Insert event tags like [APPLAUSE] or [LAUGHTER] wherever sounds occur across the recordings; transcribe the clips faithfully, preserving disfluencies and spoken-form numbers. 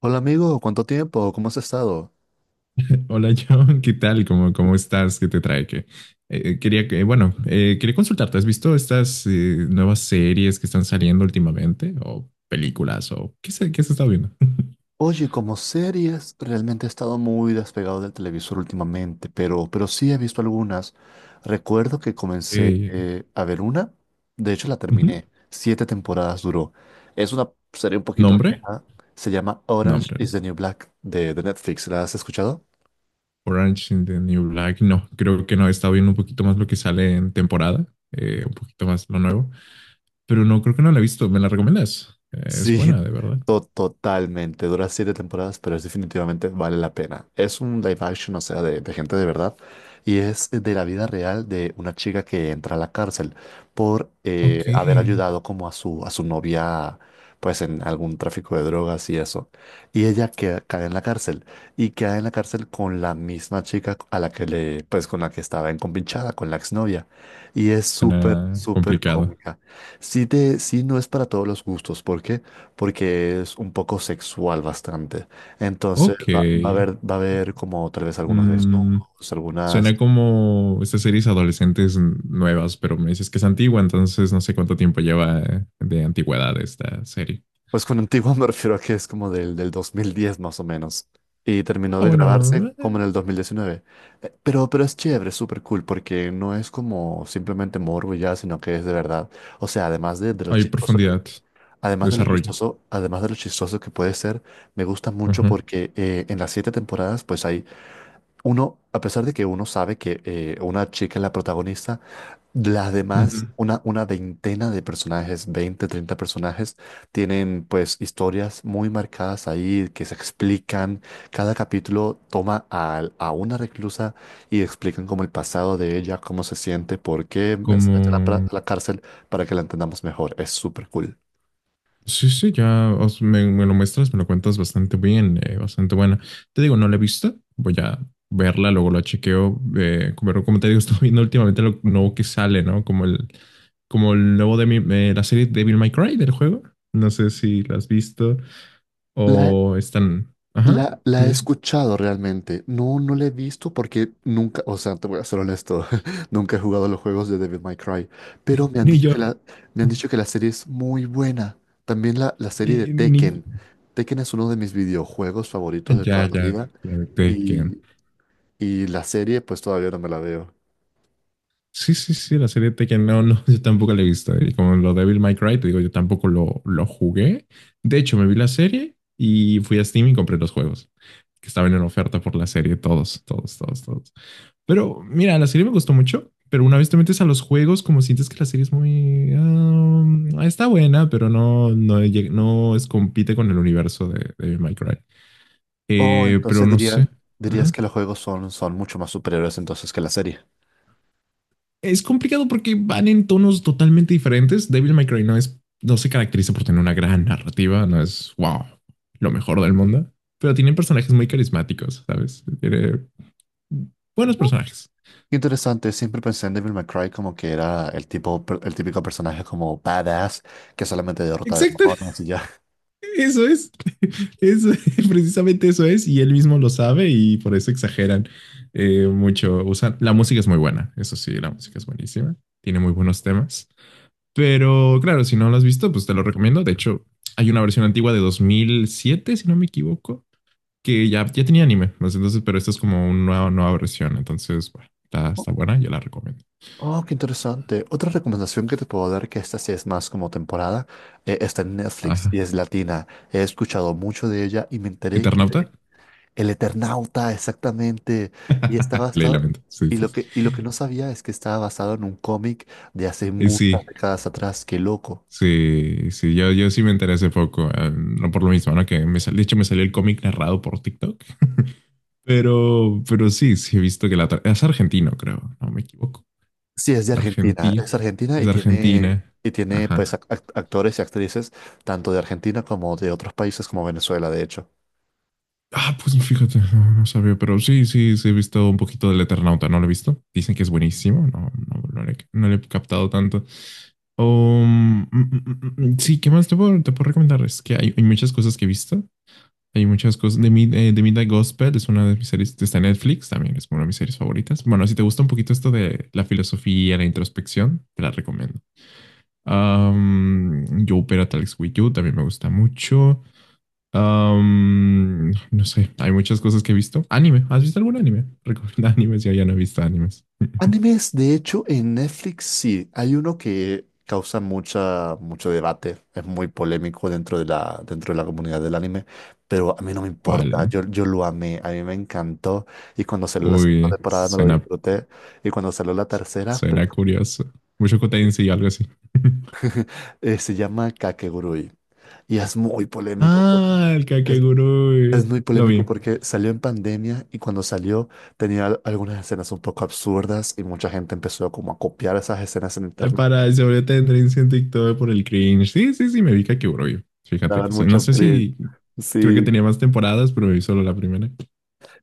Hola amigo, ¿cuánto tiempo? ¿Cómo has estado? [LAUGHS] Hola John, ¿qué tal? ¿Cómo, cómo estás? ¿Qué te trae? Que quería que, bueno, eh, quería consultarte. ¿Has visto estas eh, nuevas series que están saliendo últimamente? ¿O películas? ¿O qué se, qué se está viendo? [LAUGHS] Oye, como series, realmente he estado muy despegado del televisor últimamente, pero, pero sí he visto algunas. Recuerdo que Ok. comencé eh, a ver una, de hecho la Ujú. terminé, siete temporadas duró. Es una serie un poquito ¿Nombre? vieja, se llama Orange Nombre. ¿No? is the New Black de, de Netflix, ¿la has escuchado? Orange in the New Black. No, creo que no. He estado viendo un poquito más lo que sale en temporada, eh, un poquito más lo nuevo. Pero no, creo que no la he visto. ¿Me la recomiendas? Eh, es Sí, buena, de verdad. to- totalmente. Dura siete temporadas, pero es definitivamente vale la pena. Es un live action, o sea, de, de gente de verdad. Y es de la vida real de una chica que entra a la cárcel por eh, Ok. haber ayudado como a su, a su novia, pues en algún tráfico de drogas y eso. Y ella queda- cae en la cárcel. Y queda en la cárcel con la misma chica a la que le, pues con la que estaba encompinchada, con la exnovia. Y es súper, Suena súper complicado. cómica. Sí, te, sí, no es para todos los gustos. ¿Por qué? Porque es un poco sexual bastante. Entonces Ok. va, va a haber, va a haber como tal vez algunos Mm, desnudos, algunas... suena como estas series adolescentes nuevas, pero me dices que es antigua, entonces no sé cuánto tiempo lleva de antigüedad esta serie. Pues con antiguo [LAUGHS] me refiero a que es como del, del dos mil diez más o menos. Y terminó Ah, de grabarse bueno, como eh, en el dos mil diecinueve. Eh, Pero, pero es chévere, es súper cool, porque no es como simplemente morbo y ya, sino que es de verdad. O sea, además de, de lo hay chistoso que- profundidad, además de lo desarrollo. chistoso, además de lo chistoso que puede ser, me gusta mucho Ajá. porque eh, en las siete temporadas pues hay uno, a pesar de que uno sabe que eh, una chica es la protagonista, las demás, Ujú. una, una veintena de personajes, veinte, treinta personajes, tienen pues historias muy marcadas ahí que se explican. Cada capítulo toma a a, una reclusa y explican como el pasado de ella, cómo se siente, por qué se mete a la, pra- Como a la cárcel, para que la entendamos mejor. Es súper cool. sí, sí, ya os- me, me lo muestras, me lo cuentas bastante bien, eh, bastante buena. Te digo, no la he visto, voy a verla, luego la chequeo, eh, pero como te digo, [LAUGHS] estoy viendo últimamente lo nuevo que sale, ¿no? Como el, como el nuevo de mi- eh, la serie Devil May Cry del juego. No sé si la has visto La, o están... Ajá, La, se la me he dice. escuchado realmente. No, no la he visto porque nunca, o sea, te voy a ser honesto, [LAUGHS] nunca he jugado los juegos de Devil May Cry, pero me han Ni dicho yo. que la, me han dicho que la serie es muy buena. También la, la Ni, serie de ni- Tekken. Tekken es uno de mis videojuegos ah, favoritos de toda ya, la ya, vida ya, te y, y la serie pues todavía no me la veo. sí, sí, sí, la serie Tekken, no, no, [LAUGHS] yo tampoco la he visto. Y como lo de Devil May Cry, te digo, yo tampoco lo, lo jugué. De hecho, me vi la serie y fui a Steam y compré los juegos que estaban en oferta por la serie, todos, todos, todos, todos. Pero mira, la serie me gustó mucho, pero una vez te metes a los juegos, como sientes que la serie es muy... Ah, está buena, pero no, no, lleg- no es, compite con el universo de, de Devil May Cry. Oh, Eh, pero entonces no sé. diría, dirías Ujú. que los juegos son, son mucho más superiores entonces que la serie. Es complicado porque van en tonos totalmente diferentes. Devil May Cry no es, no se caracteriza por tener una gran narrativa, no es wow, lo mejor del mundo, pero tienen personajes muy carismáticos, ¿sabes? Tiene buenos personajes. Qué interesante, siempre pensé en Devil May Cry como que era el tipo, per- el típico personaje como badass que solamente derrota Exacto, demonios y ya. [LAUGHS] eso es. Eso, [LAUGHS] precisamente eso es, y él mismo lo sabe y por eso exageran eh, mucho. Usan, la música es muy buena, eso sí, la música es buenísima, tiene muy buenos temas. Pero claro, si no lo has visto, pues te lo recomiendo. De hecho, hay una versión antigua de dos mil siete si no me equivoco, que ya, ya tenía anime. Pues, entonces, pero esta es como una nueva, nueva versión. Entonces, bueno, está, está [LAUGHS] buena, yo la recomiendo. Oh, oh, qué interesante. Otra recomendación que te puedo dar, que esta sí es más como temporada, eh, está en Netflix y Ajá. es latina. He escuchado mucho de ella y me enteré que ¿Eternauta? de El Eternauta, exactamente. Y está [LAUGHS] Leí la basado, mente. Sí, y sí, lo sí. que, y lo que no sabía es que estaba basado en un cómic de hace Eh, muchas décadas atrás. Qué loco. sí, sí, sí. Yo, yo sí me enteré hace poco, eh, no por lo mismo, ¿no? Que me sal- de hecho me salió el cómic narrado por TikTok. Pero, pero sí, sí he visto que la... tra- Es argentino, creo. No me equivoco. Sí, es de Argentina, es Argentina. argentina Es y tiene, Argentina. y tiene Ajá. pues ac- act- actores y actrices tanto de Argentina como de otros países como Venezuela, de hecho. Ah, pues fíjate, no, no sabía, pero sí, sí, sí he visto un poquito del Eternauta, no lo he visto. Dicen que es buenísimo, no, no, no, le, no le he captado tanto. Um, sí, ¿qué más te puedo, te puedo recomendar? Es que hay, hay muchas cosas que he visto. Hay muchas cosas. The, Mid eh, The, Midnight Gospel es una de mis series, está en Netflix, también es una de mis series favoritas. Bueno, si te gusta un poquito esto de la filosofía, la introspección, te la recomiendo. Um, Yo Opera Alex With You también me gusta mucho. Um, no sé, hay muchas cosas que he visto. Anime, ¿has visto algún anime? Recomienda [LAUGHS] animes, yo ya no he visto animes. [LAUGHS] Animes, de hecho, en Netflix sí, hay uno que causa mucha, mucho debate, es muy polémico dentro de la, dentro de la comunidad del anime, pero a mí no me importa, ¿Cuál? yo, yo lo amé, a mí me encantó y cuando salió la segunda Uy, temporada me lo suena, disfruté y cuando salió la tercera, pues, suena curioso. Mucho Tensei y algo así. [LAUGHS] eh, se llama Kakegurui y es muy polémico. Ah, el Es Kakegurui. muy Lo polémico vi. porque salió en pandemia y cuando salió tenía al- algunas escenas un poco absurdas y mucha gente empezó como a copiar esas escenas en Eh, internet. Para el sobre tendencia en TikTok por el cringe. Sí, sí, sí, me vi Kakegurui. Fíjate Daban que sí. No mucho sé cringe. si creo que Sí, tenía más temporadas, pero me vi solo la primera.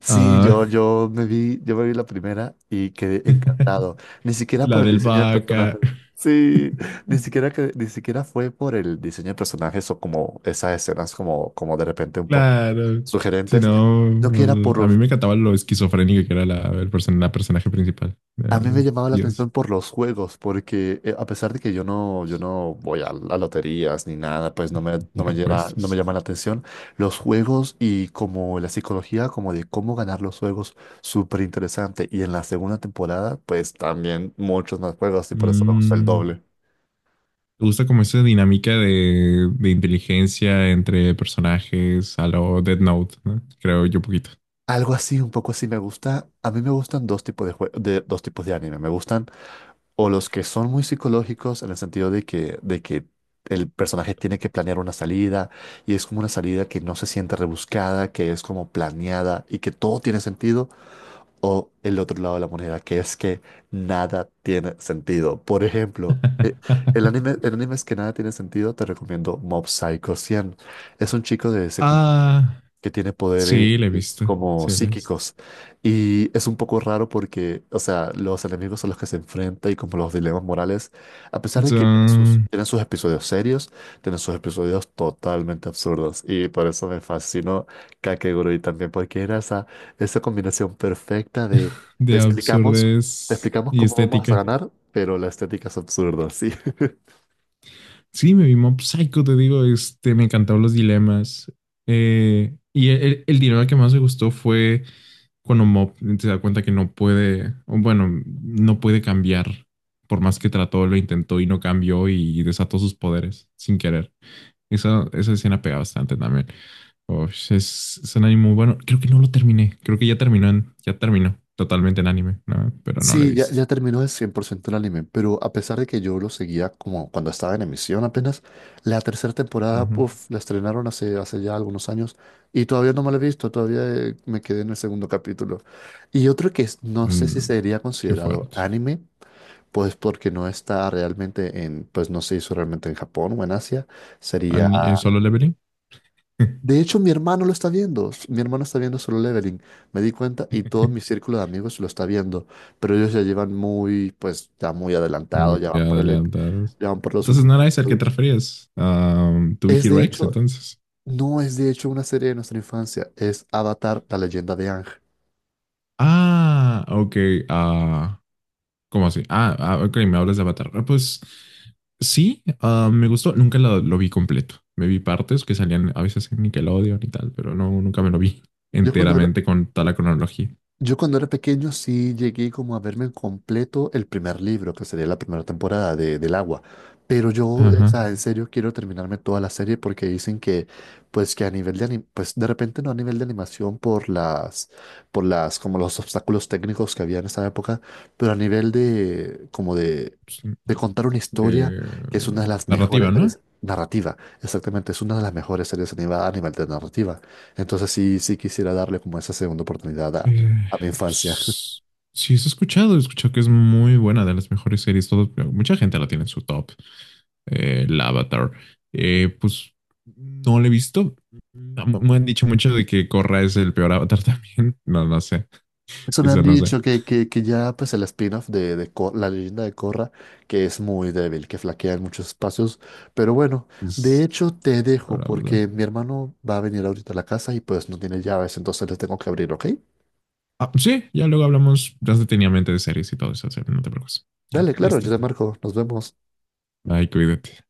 sí, Ah, yo, yo me vi, yo me vi la primera y quedé encantado. Ni [LAUGHS] siquiera por la el del diseño del personaje. vaca. [LAUGHS] Sí, ni siquiera que, ni siquiera fue por el diseño de personajes o como esas escenas como, como de repente un poco Claro. Si sugerentes. no, No que era el- a mí por, me encantaba lo esquizofrénica que era la, el person- la personaje principal. A Eh, mí me llamaba la Dios, atención por los juegos, porque eh, a pesar de que yo no, yo no voy a, a loterías ni nada, pues no me, no ya me llena- pues. no me Es- llama la atención. Los juegos y como la psicología, como de cómo ganar los juegos, súper interesante. Y en la segunda temporada, pues también muchos más juegos y por eso me gusta el mm, doble. ¿te gusta como esa dinámica de, de inteligencia entre personajes a lo Death Note, ¿no? Creo yo poquito. Algo así, un poco así me gusta. A mí me gustan dos tipos de jue- de dos tipos de anime. Me gustan o los que son muy psicológicos en el sentido de que, de que el personaje tiene que planear una salida y es como una salida que no se siente rebuscada, que es como planeada y que todo tiene sentido, o el otro lado de la moneda, que es que nada tiene sentido. Por ejemplo, eh, el anime, [LAUGHS] el anime es que nada tiene sentido, te recomiendo Mob Psycho cien. Es un chico de secundaria Ah, que tiene poderes sí, la he visto. como Sí, la he visto. psíquicos. Y es un poco raro porque, o sea, los enemigos a los que se enfrenta y como los dilemas morales, a pesar de que tienen sus, Son tienen sus episodios serios, tienen sus episodios totalmente absurdos. Y por eso me fascinó Kakegurui también, porque era esa, esa combinación perfecta de de te De explicamos, te absurdez explicamos y cómo vamos a estética. ganar, pero la estética es absurda, sí. [LAUGHS] Sí, me vi Mob Psycho, te digo, este, me encantaron los dilemas. Eh, y el, el dilema que más me gustó fue cuando Mob se da cuenta que no puede, o bueno, no puede cambiar, por más que trató, lo intentó y no cambió y desató sus poderes sin querer. Esa, esa escena pega bastante también. Oh, es, es un anime muy bueno. Creo que no lo terminé. Creo que ya terminó, en- ya terminó totalmente en anime, ¿no? Pero no lo he Sí, ya, visto. ya terminó el cien por ciento el anime, pero a pesar de que yo lo seguía como cuando estaba en emisión apenas, la tercera temporada, Ujú. uf, la estrenaron hace, hace ya algunos años y todavía no me la he visto, todavía eh, me quedé en el segundo capítulo. Y otro que es- no sé si Mm, sería qué considerado fuerte. anime, pues porque no está realmente en, pues no se hizo realmente en Japón o en Asia, sería Ani- eh, ¿Solo Leveling? de hecho, mi hermano lo está viendo. S- Mi hermano está viendo Solo Leveling. Me di cuenta y todo mi [LAUGHS] círculo de amigos lo está viendo. Pero ellos ya llevan muy, pues, ya muy Güey, adelantado, ya van ya por el, ep- adelantadas. ya van por los Entonces no últimos era ese al que te episodios. referías. Am, tu Es Vicky de Rex, hecho, entonces. no es de hecho una serie de nuestra infancia, es Avatar, la leyenda de Aang. Ah, ok. Ah, ¿cómo así? Ah, ah, ok, me hablas de Avatar. Ah, pues sí, ah, me gustó. Nunca lo, lo vi completo. Me vi partes que salían a veces en Nickelodeon y tal, pero no, nunca me lo vi [LAUGHS] Yo cuando era, enteramente con toda la cronología. Yo cuando era pequeño sí llegué como a verme en completo el primer libro, que sería la primera temporada de, del Agua. Pero yo, o Ajá. sea, en serio quiero terminarme toda la serie porque dicen que, pues que a nivel de anim- pues de repente no a nivel de animación por las, por las, como los obstáculos técnicos que había en esa época, pero a nivel de, como de, Sí, de contar una historia, de que es una de las mejores narrativa, ¿no? series narrativa, exactamente, es una de las mejores series animadas a nivel de narrativa. Entonces sí, sí quisiera darle como esa segunda oportunidad Eh, a mi infancia. [LAUGHS] pues sí, eso he escuchado. He escuchado que es muy buena, de las mejores series. Todo, mucha gente la tiene en su top. Eh, el Avatar. Eh, pues no la he visto. No, me me han dicho mucho de que Korra es el peor Avatar también. [LAUGHS] No, no sé. Eso me Eso han no sé. dicho que, que, que ya pues el spin-off de, de Cor- la leyenda de Korra, que es muy débil, que flaquea en muchos espacios. Pero bueno, de Es hecho te dejo peor Avatar. porque mi hermano va a venir ahorita a la casa y pues no tiene llaves, entonces le tengo que abrir, ¿ok? Ah, sí, ya luego hablamos más detenidamente de series y todo eso. O sea, no te preocupes. Dale, Ya, claro, listo. yo te marco, nos vemos. Bye, cuídate.